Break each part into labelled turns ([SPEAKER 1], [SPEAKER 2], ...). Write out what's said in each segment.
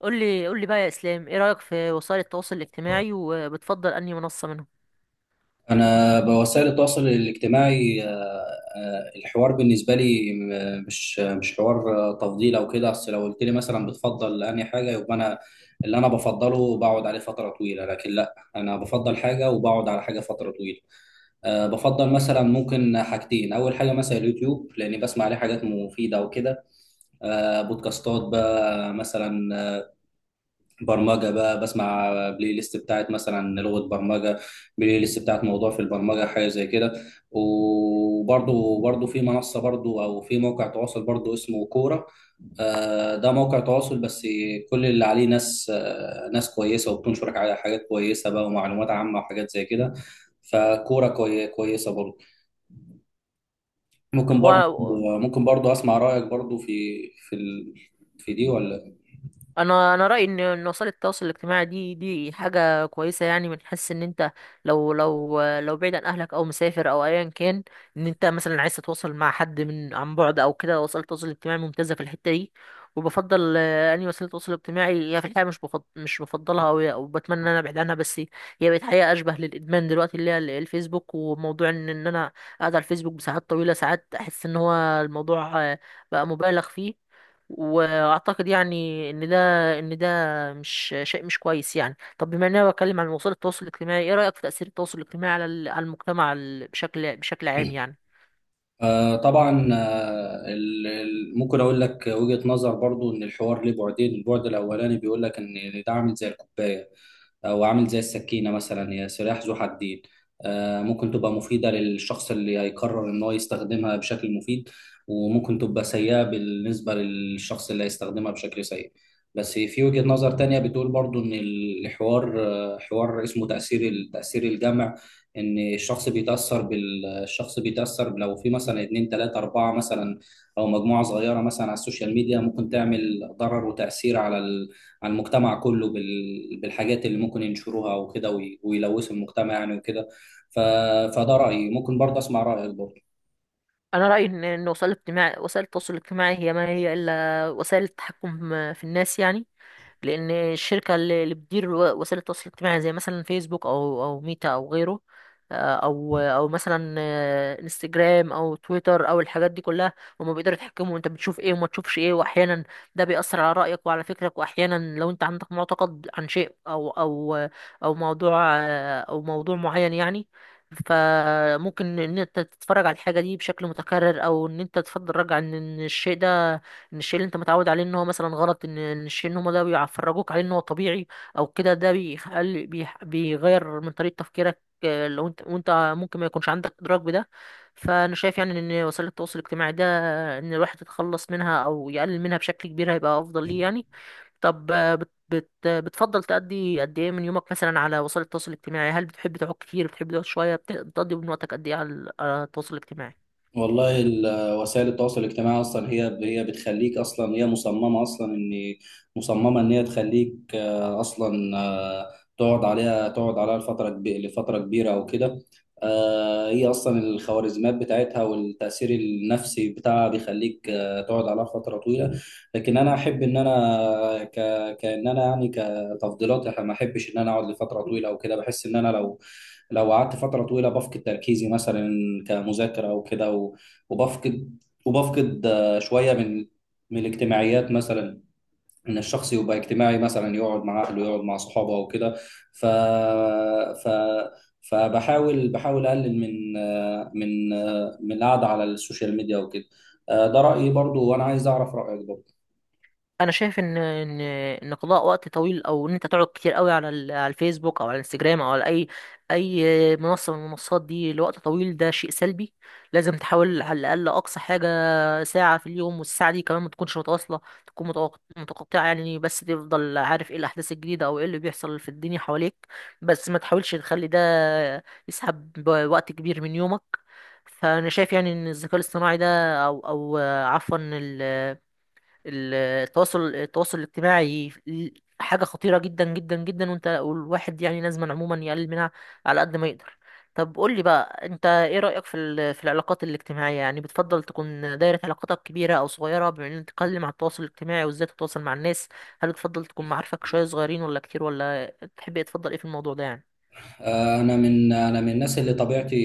[SPEAKER 1] قول لي بقى يا اسلام، ايه رايك في وسائل التواصل الاجتماعي، وبتفضل انهي منصه منهم؟
[SPEAKER 2] أنا بوسائل التواصل الاجتماعي، الحوار بالنسبة لي مش حوار، تفضيل أو كده. أصل لو قلت لي مثلا بتفضل أنهي حاجة، يبقى أنا اللي أنا بفضله بقعد عليه فترة طويلة. لكن لا، أنا بفضل حاجة وبقعد على حاجة فترة طويلة. بفضل مثلا ممكن حاجتين. أول حاجة مثلا اليوتيوب لأني بسمع عليه حاجات مفيدة وكده، بودكاستات بقى، مثلا برمجة بقى، بسمع بلاي ليست بتاعت مثلا لغة برمجة، بلاي ليست بتاعت موضوع في البرمجة، حاجة زي كده. وبرضو في منصة برضو، أو في موقع تواصل برضو اسمه كورة. ده موقع تواصل بس. كل اللي عليه ناس، ناس كويسة، وبتنشر على حاجات كويسة بقى، ومعلومات عامة، وحاجات زي كده. فكورة كويسة برضو. ممكن برضو
[SPEAKER 1] و...
[SPEAKER 2] ممكن برضو أسمع رأيك برضو في ال... في دي، ولا...؟
[SPEAKER 1] انا رايي ان وسائل التواصل الاجتماعي دي حاجه كويسه، يعني من حيث ان انت لو بعيد عن اهلك او مسافر او ايا كان، انت مثلا عايز تتواصل مع حد من عن بعد او كده، وسائل التواصل الاجتماعي ممتازه في الحته دي. وبفضل اني وسيله التواصل الاجتماعي، هي في الحقيقه مش بفضل مش بفضلها او بتمنى ان انا ابعد عنها، بس هي بقت حقيقه اشبه للادمان دلوقتي، اللي هي الفيسبوك. وموضوع ان انا قاعد على الفيسبوك بساعات طويله، ساعات احس ان هو الموضوع بقى مبالغ فيه. واعتقد يعني ان ده ان ده مش شيء مش كويس يعني. طب بما ان انا بتكلم عن وسائل التواصل الاجتماعي، ايه رايك في تاثير التواصل الاجتماعي على على المجتمع بشكل عام يعني؟
[SPEAKER 2] طبعا، ممكن اقول لك وجهة نظر برضو، ان الحوار ليه بعدين. البعد الاولاني بيقول لك ان ده عامل زي الكوبايه أو عامل زي السكينة مثلا، هي سلاح ذو حدين. ممكن تبقى مفيدة للشخص اللي هيقرر إن هو يستخدمها بشكل مفيد، وممكن تبقى سيئة بالنسبة للشخص اللي هيستخدمها بشكل سيء. بس في وجهة نظر تانية بتقول برضو إن الحوار آه، حوار اسمه تأثير الجمع، إن الشخص بيتأثر بالشخص. بيتأثر لو في مثلا اتنين، تلاتة، أربعة مثلا، أو مجموعة صغيرة مثلا على السوشيال ميديا، ممكن تعمل ضرر وتأثير على المجتمع كله بالحاجات اللي ممكن ينشروها وكده، ويلوثوا المجتمع يعني وكده. ف- فده رأيي. ممكن برضه أسمع رأيك برضه.
[SPEAKER 1] انا رايي ان وسائل الاجتماع التواصل الاجتماعي هي ما هي الا وسائل التحكم في الناس يعني. لان الشركه اللي بتدير وسائل التواصل الاجتماعي زي مثلا فيسبوك او ميتا او غيره، او مثلا انستجرام او تويتر او الحاجات دي كلها، هما بيقدروا يتحكموا انت بتشوف ايه وما تشوفش ايه. واحيانا ده بيأثر على رأيك وعلى فكرك. واحيانا لو انت عندك معتقد عن شيء او موضوع او موضوع معين يعني، فممكن ان انت تتفرج على الحاجة دي بشكل متكرر، او ان انت تفضل رجع ان الشيء ده ان الشيء اللي انت متعود عليه ان هو مثلا غلط، ان الشيء ان هم ده بيفرجوك عليه ان هو طبيعي او كده. ده بيخلي بيغير من طريقة تفكيرك، لو انت وانت ممكن ما يكونش عندك ادراك بده. فانا شايف يعني ان وسائل التواصل الاجتماعي ده، ان الواحد يتخلص منها او يقلل منها بشكل كبير هيبقى افضل ليه يعني. طب بت بت بتفضل تقضي قد ايه من يومك مثلا على وسائل التواصل الاجتماعي؟ هل بتحب تقعد كتير، بتحب تقعد شوية؟ بتقضي من وقتك قد ايه على التواصل الاجتماعي؟
[SPEAKER 2] والله وسائل التواصل الاجتماعي اصلا هي بتخليك. اصلا هي مصممه ان هي تخليك، اصلا، تقعد عليها لفتره كبيره او كده. هي اصلا الخوارزميات بتاعتها والتاثير النفسي بتاعها بيخليك، تقعد عليها فتره طويله. لكن انا احب ان انا ك كان انا يعني كتفضيلات، انا ما احبش ان انا اقعد لفتره طويله او كده. بحس ان انا لو قعدت فترة طويلة بفقد تركيزي مثلا، كمذاكرة أو كده، وبفقد وبفقد شوية من الاجتماعيات مثلا، إن الشخص يبقى اجتماعي مثلا، يقعد مع أهله، يقعد مع صحابه أو كده. ف... ف... فبحاول بحاول أقلل من من القعدة على السوشيال ميديا وكده. ده رأيي برضو، وأنا عايز أعرف رأيك برضو.
[SPEAKER 1] انا شايف ان قضاء وقت طويل او ان انت تقعد كتير قوي على على الفيسبوك او على الانستجرام او على اي منصه من المنصات دي لوقت طويل، ده شيء سلبي. لازم تحاول على الاقل اقصى حاجه ساعه في اليوم، والساعه دي كمان ما تكونش متواصله، تكون متقطعه يعني، بس تفضل عارف ايه الاحداث الجديده او ايه اللي بيحصل في الدنيا حواليك. بس ما تحاولش تخلي ده يسحب وقت كبير من يومك. فانا شايف يعني ان الذكاء الاصطناعي ده او عفوا، التواصل الاجتماعي حاجة خطيرة جدا جدا جدا، والواحد يعني لازم عموما يقلل منها على قد ما يقدر. طب قول لي بقى، انت ايه رأيك في في العلاقات الاجتماعية؟ يعني بتفضل تكون دايرة علاقاتك كبيرة او صغيرة؟ بما ان تتكلم عن التواصل الاجتماعي وازاي تتواصل مع الناس، هل بتفضل تكون معارفك شوية صغيرين ولا كتير؟ ولا تحب ايه، تفضل ايه في الموضوع ده يعني؟
[SPEAKER 2] انا من الناس اللي طبيعتي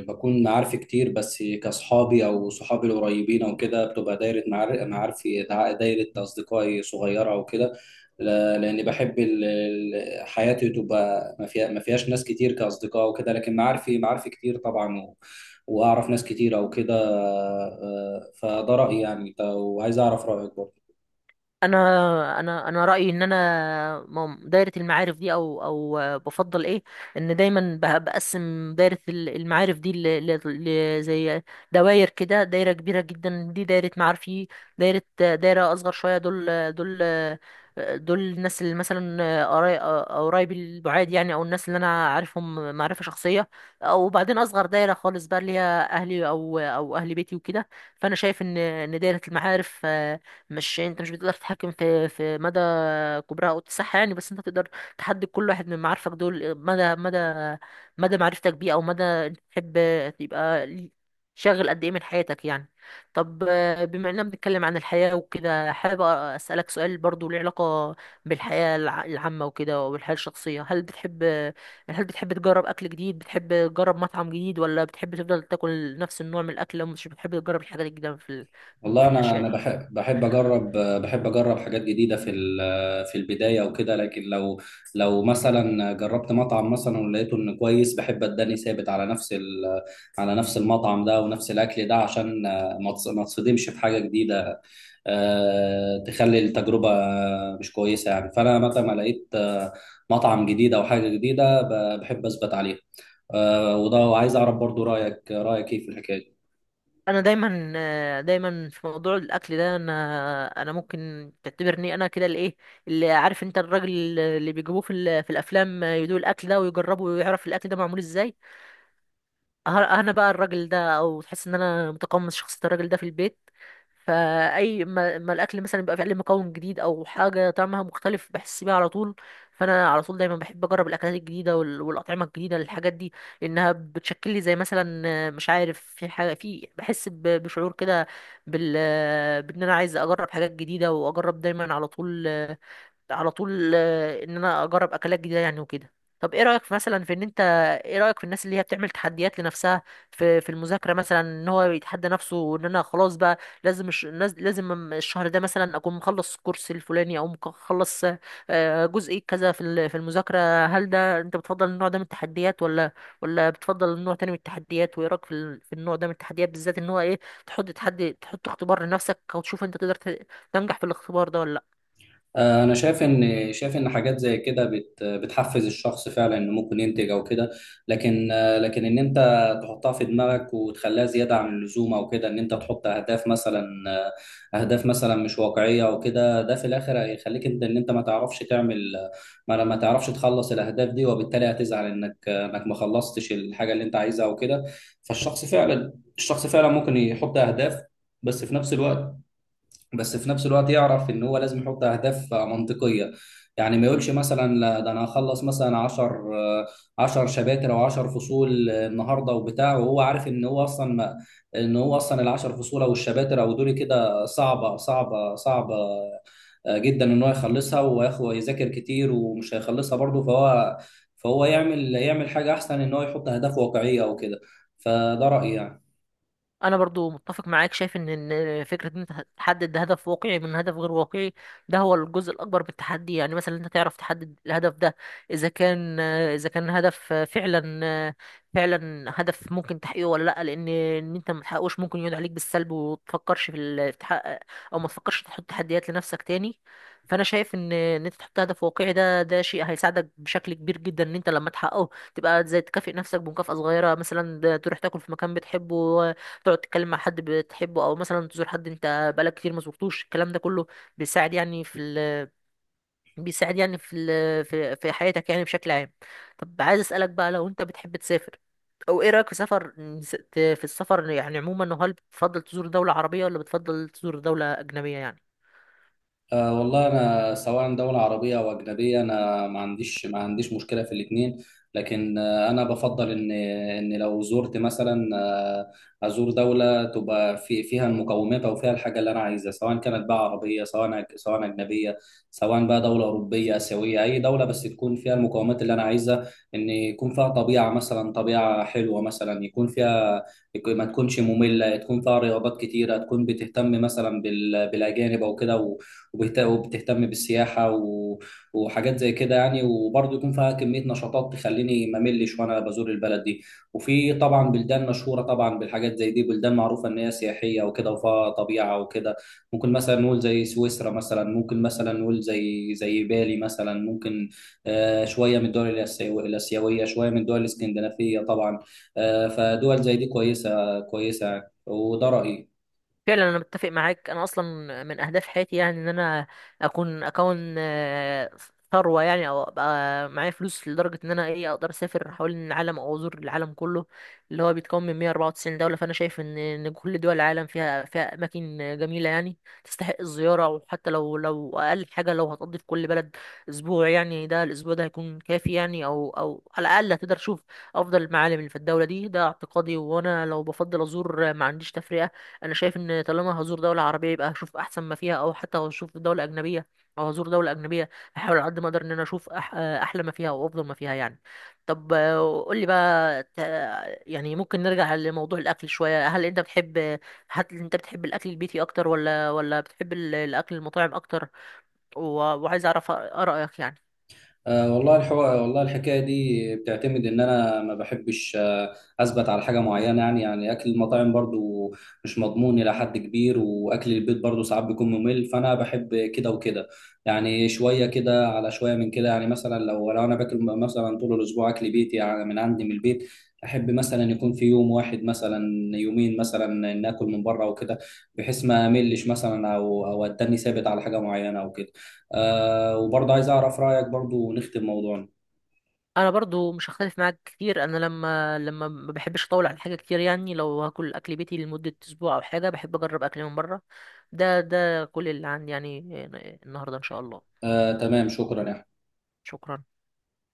[SPEAKER 2] بكون معارفي كتير، بس كاصحابي او صحابي القريبين او كده بتبقى دايره معار- معارفي دع- دايره اصدقائي صغيره او كده. ل- لاني بحب حياتي تبقى ما فيهاش ناس كتير كاصدقاء وكده، لكن معارفي، كتير طبعا. واعرف ناس كتير او كده. فده رايي يعني. وعايز اعرف رايك برضه.
[SPEAKER 1] انا رايي ان انا دايره المعارف دي او بفضل ايه ان دايما بقسم دايره المعارف دي زي دوائر كده. دايره كبيره جدا دي دايره معارفي. دايره دايره اصغر شويه، دول دول الناس اللي مثلا قرايبي البعاد يعني، او الناس اللي انا عارفهم معرفه شخصيه. او بعدين اصغر دايره خالص بقى، اللي هي اهلي او اهل بيتي وكده. فانا شايف ان ان دايره المعارف مش يعني انت مش بتقدر تتحكم في مدى كبرها او اتساعها يعني، بس انت تقدر تحدد كل واحد من معارفك دول مدى معرفتك بيه، او مدى انت تحب تبقى شاغل قد ايه من حياتك يعني. طب بما اننا بنتكلم عن الحياة وكده، حابب اسالك سؤال برضو له علاقة بالحياة العامة وكده، وبالحياة الشخصية. هل بتحب تجرب اكل جديد؟ بتحب تجرب مطعم جديد؟ ولا بتحب تفضل تاكل نفس النوع من الاكل، ومش بتحب تجرب الحاجات الجديدة في
[SPEAKER 2] والله
[SPEAKER 1] في
[SPEAKER 2] انا
[SPEAKER 1] الاشياء
[SPEAKER 2] انا
[SPEAKER 1] دي؟
[SPEAKER 2] بحب، اجرب حاجات جديده في البدايه وكده. لكن لو مثلا جربت مطعم مثلا ولقيته انه كويس، بحب اداني ثابت على على نفس المطعم ده ونفس الاكل ده، عشان ما تصدمش في حاجه جديده، تخلي التجربه مش كويسه يعني. فانا متى ما لقيت، مطعم جديد او حاجه جديده، بحب اثبت عليه. وده. وعايز اعرف برضو رايك ايه في الحكايه.
[SPEAKER 1] انا دايما دايما في موضوع الاكل ده، انا ممكن تعتبرني انا كده الايه اللي عارف، انت الراجل اللي بيجيبوه في في الافلام، يدوق الاكل ده ويجربه ويعرف الاكل ده معمول ازاي. انا بقى الراجل ده، او تحس ان انا متقمص شخصية الراجل ده في البيت. فاي ما الاكل مثلا يبقى فيه عليه مكون جديد او حاجة طعمها مختلف، بحس بيها على طول. فانا على طول دايما بحب اجرب الاكلات الجديدة والاطعمة الجديدة، الحاجات دي، لانها بتشكل لي زي مثلا مش عارف في حاجة في، بحس بشعور كده بال آه، بان انا عايز اجرب حاجات جديدة، واجرب دايما على طول ان انا اجرب اكلات جديده يعني وكده. طب ايه رايك في مثلا في ان انت، ايه رايك في الناس اللي هي بتعمل تحديات لنفسها في المذاكره مثلا؟ ان هو يتحدى نفسه ان انا خلاص بقى لازم لازم الشهر ده مثلا اكون مخلص الكورس الفلاني، او مخلص جزء كذا في في المذاكره. هل ده انت بتفضل النوع ده من التحديات، ولا بتفضل نوع تاني من التحديات؟ وايه رايك في في النوع ده من التحديات بالذات؟ ان هو ايه، تحط تحدي، تحط اختبار لنفسك، او تشوف انت تقدر تنجح في الاختبار ده ولا لأ؟
[SPEAKER 2] انا شايف ان حاجات زي كده بتحفز الشخص فعلا، انه ممكن ينتج او كده. لكن، لكن ان انت تحطها في دماغك وتخليها زياده عن اللزوم او كده، ان انت تحط اهداف مثلا، اهداف مثلا مش واقعيه او كده، ده في الاخر هيخليك انت ان انت ما تعرفش تعمل، ما تعرفش تخلص الاهداف دي، وبالتالي هتزعل انك، انك ما خلصتش الحاجه اللي انت عايزها او كده. فالشخص فعلا، الشخص فعلا ممكن يحط اهداف، بس في نفس الوقت، يعرف ان هو لازم يحط اهداف منطقيه. يعني ما يقولش مثلا لا، ده انا هخلص مثلا 10 شباتر او 10 فصول النهارده وبتاع، وهو عارف ان هو اصلا ما، ان هو اصلا ال 10 فصول او الشباتر او دول كده، صعبه صعبه صعبه جدا ان هو يخلصها وياخد ويذاكر كتير، ومش هيخلصها برضه. فهو يعمل حاجه احسن، ان هو يحط اهداف واقعيه او كده. فده رايي يعني.
[SPEAKER 1] انا برضو متفق معاك، شايف ان فكره ان انت تحدد هدف واقعي من هدف غير واقعي، ده هو الجزء الاكبر بالتحدي يعني. مثلا انت تعرف تحدد الهدف ده اذا كان هدف فعلا هدف ممكن تحقيقه ولا لا، لان ان انت ما تحققوش ممكن يقعد عليك بالسلب، وتفكرش في في تحقق، او ما تفكرش تحط تحديات لنفسك تاني. فانا شايف ان ان انت تحط هدف واقعي، ده ده شيء هيساعدك بشكل كبير جدا. ان انت لما تحققه، تبقى زي تكافئ نفسك بمكافأة صغيرة مثلا، ده تروح تاكل في مكان بتحبه، تقعد تتكلم مع حد بتحبه، او مثلا تزور حد انت بقالك كتير ما زرتوش. الكلام ده كله بيساعد يعني في بيساعد يعني في حياتك يعني بشكل عام. طب عايز اسالك بقى، لو انت بتحب تسافر، او ايه رايك في سفر السفر يعني عموما، هل بتفضل تزور دولة عربية ولا بتفضل تزور دولة اجنبية يعني؟
[SPEAKER 2] أه والله، أنا سواء دولة عربية أو أجنبية، أنا ما عنديش مشكلة في الاتنين. لكن، أنا بفضل إن لو زرت مثلا، أزور دولة تبقى فيها المقومات أو فيها الحاجة اللي أنا عايزها، سواء كانت بقى عربية، سواء سواء أجنبية، سواء بقى دولة أوروبية، آسيوية، أي دولة بس تكون فيها المقومات اللي أنا عايزها. إن يكون فيها طبيعة مثلا، طبيعة حلوة مثلا، ما تكونش مملة، تكون فيها رياضات كتيرة، تكون بتهتم مثلا بالأجانب أو كده، وبتهتم بالسياحة وحاجات زي كده يعني. وبرضه يكون فيها كمية نشاطات تخليني ما ملش وأنا بزور البلد دي. وفي طبعا بلدان مشهورة طبعا بالحاجات زي دي، بلدان معروفة إن هي سياحية وكده وفيها طبيعة وكده. ممكن مثلا نقول زي سويسرا مثلا، ممكن مثلا نقول زي بالي مثلا. ممكن، شوية من الآسيوية، شوية من الدول الإسكندنافية طبعا. فدول زي دي كويسة كويسة يعني. وده رأيي.
[SPEAKER 1] فعلا انا متفق معاك. انا اصلا من اهداف حياتي يعني ان انا اكون ثروه يعني، او ابقى معايا فلوس لدرجه ان انا ايه اقدر اسافر حوالين العالم او ازور العالم كله، اللي هو بيتكون من 194 دوله. فانا شايف ان ان كل دول العالم فيها اماكن جميله يعني تستحق الزياره. وحتى لو اقل حاجه لو هتقضي في كل بلد اسبوع يعني، ده الاسبوع ده هيكون كافي يعني، او على الاقل هتقدر تشوف افضل المعالم اللي في الدوله دي. ده اعتقادي، وانا لو بفضل ازور ما عنديش تفرقه. انا شايف ان طالما هزور دولة عربية، يبقى هشوف احسن ما فيها، او حتى هشوف دولة اجنبية او هزور دولة اجنبية هحاول على قد ما اقدر ان انا اشوف احلى ما فيها وافضل ما فيها يعني. طب قول لي بقى يعني ممكن نرجع لموضوع الاكل شوية. هل انت بتحب الاكل البيتي اكتر، ولا بتحب الاكل المطاعم اكتر؟ و- وعايز اعرف آرائك يعني.
[SPEAKER 2] أه والله، الحوار والله الحكايه دي بتعتمد ان انا ما بحبش، اثبت على حاجه معينه. يعني اكل المطاعم برضو مش مضمون الى حد كبير، واكل البيت برضو ساعات بيكون ممل. فانا بحب كده وكده يعني، شويه كده على شويه من كده يعني. مثلا لو انا باكل مثلا طول الاسبوع اكل بيتي يعني من عندي من البيت، احب مثلا يكون في يوم واحد مثلا، يومين مثلا، ناكل من بره وكده، بحيث ما املش مثلا، او اتني ثابت على حاجه معينه او كده. وبرضه عايز اعرف رايك برضه ونختم موضوعنا.
[SPEAKER 1] انا برضو مش هختلف معاك كتير. انا لما ما بحبش اطول على حاجه كتير يعني، لو هاكل اكل بيتي لمده اسبوع او حاجه، بحب اجرب اكل من بره. ده كل اللي عندي يعني النهارده ان شاء الله.
[SPEAKER 2] تمام، شكرا يا أحمد.
[SPEAKER 1] شكرا.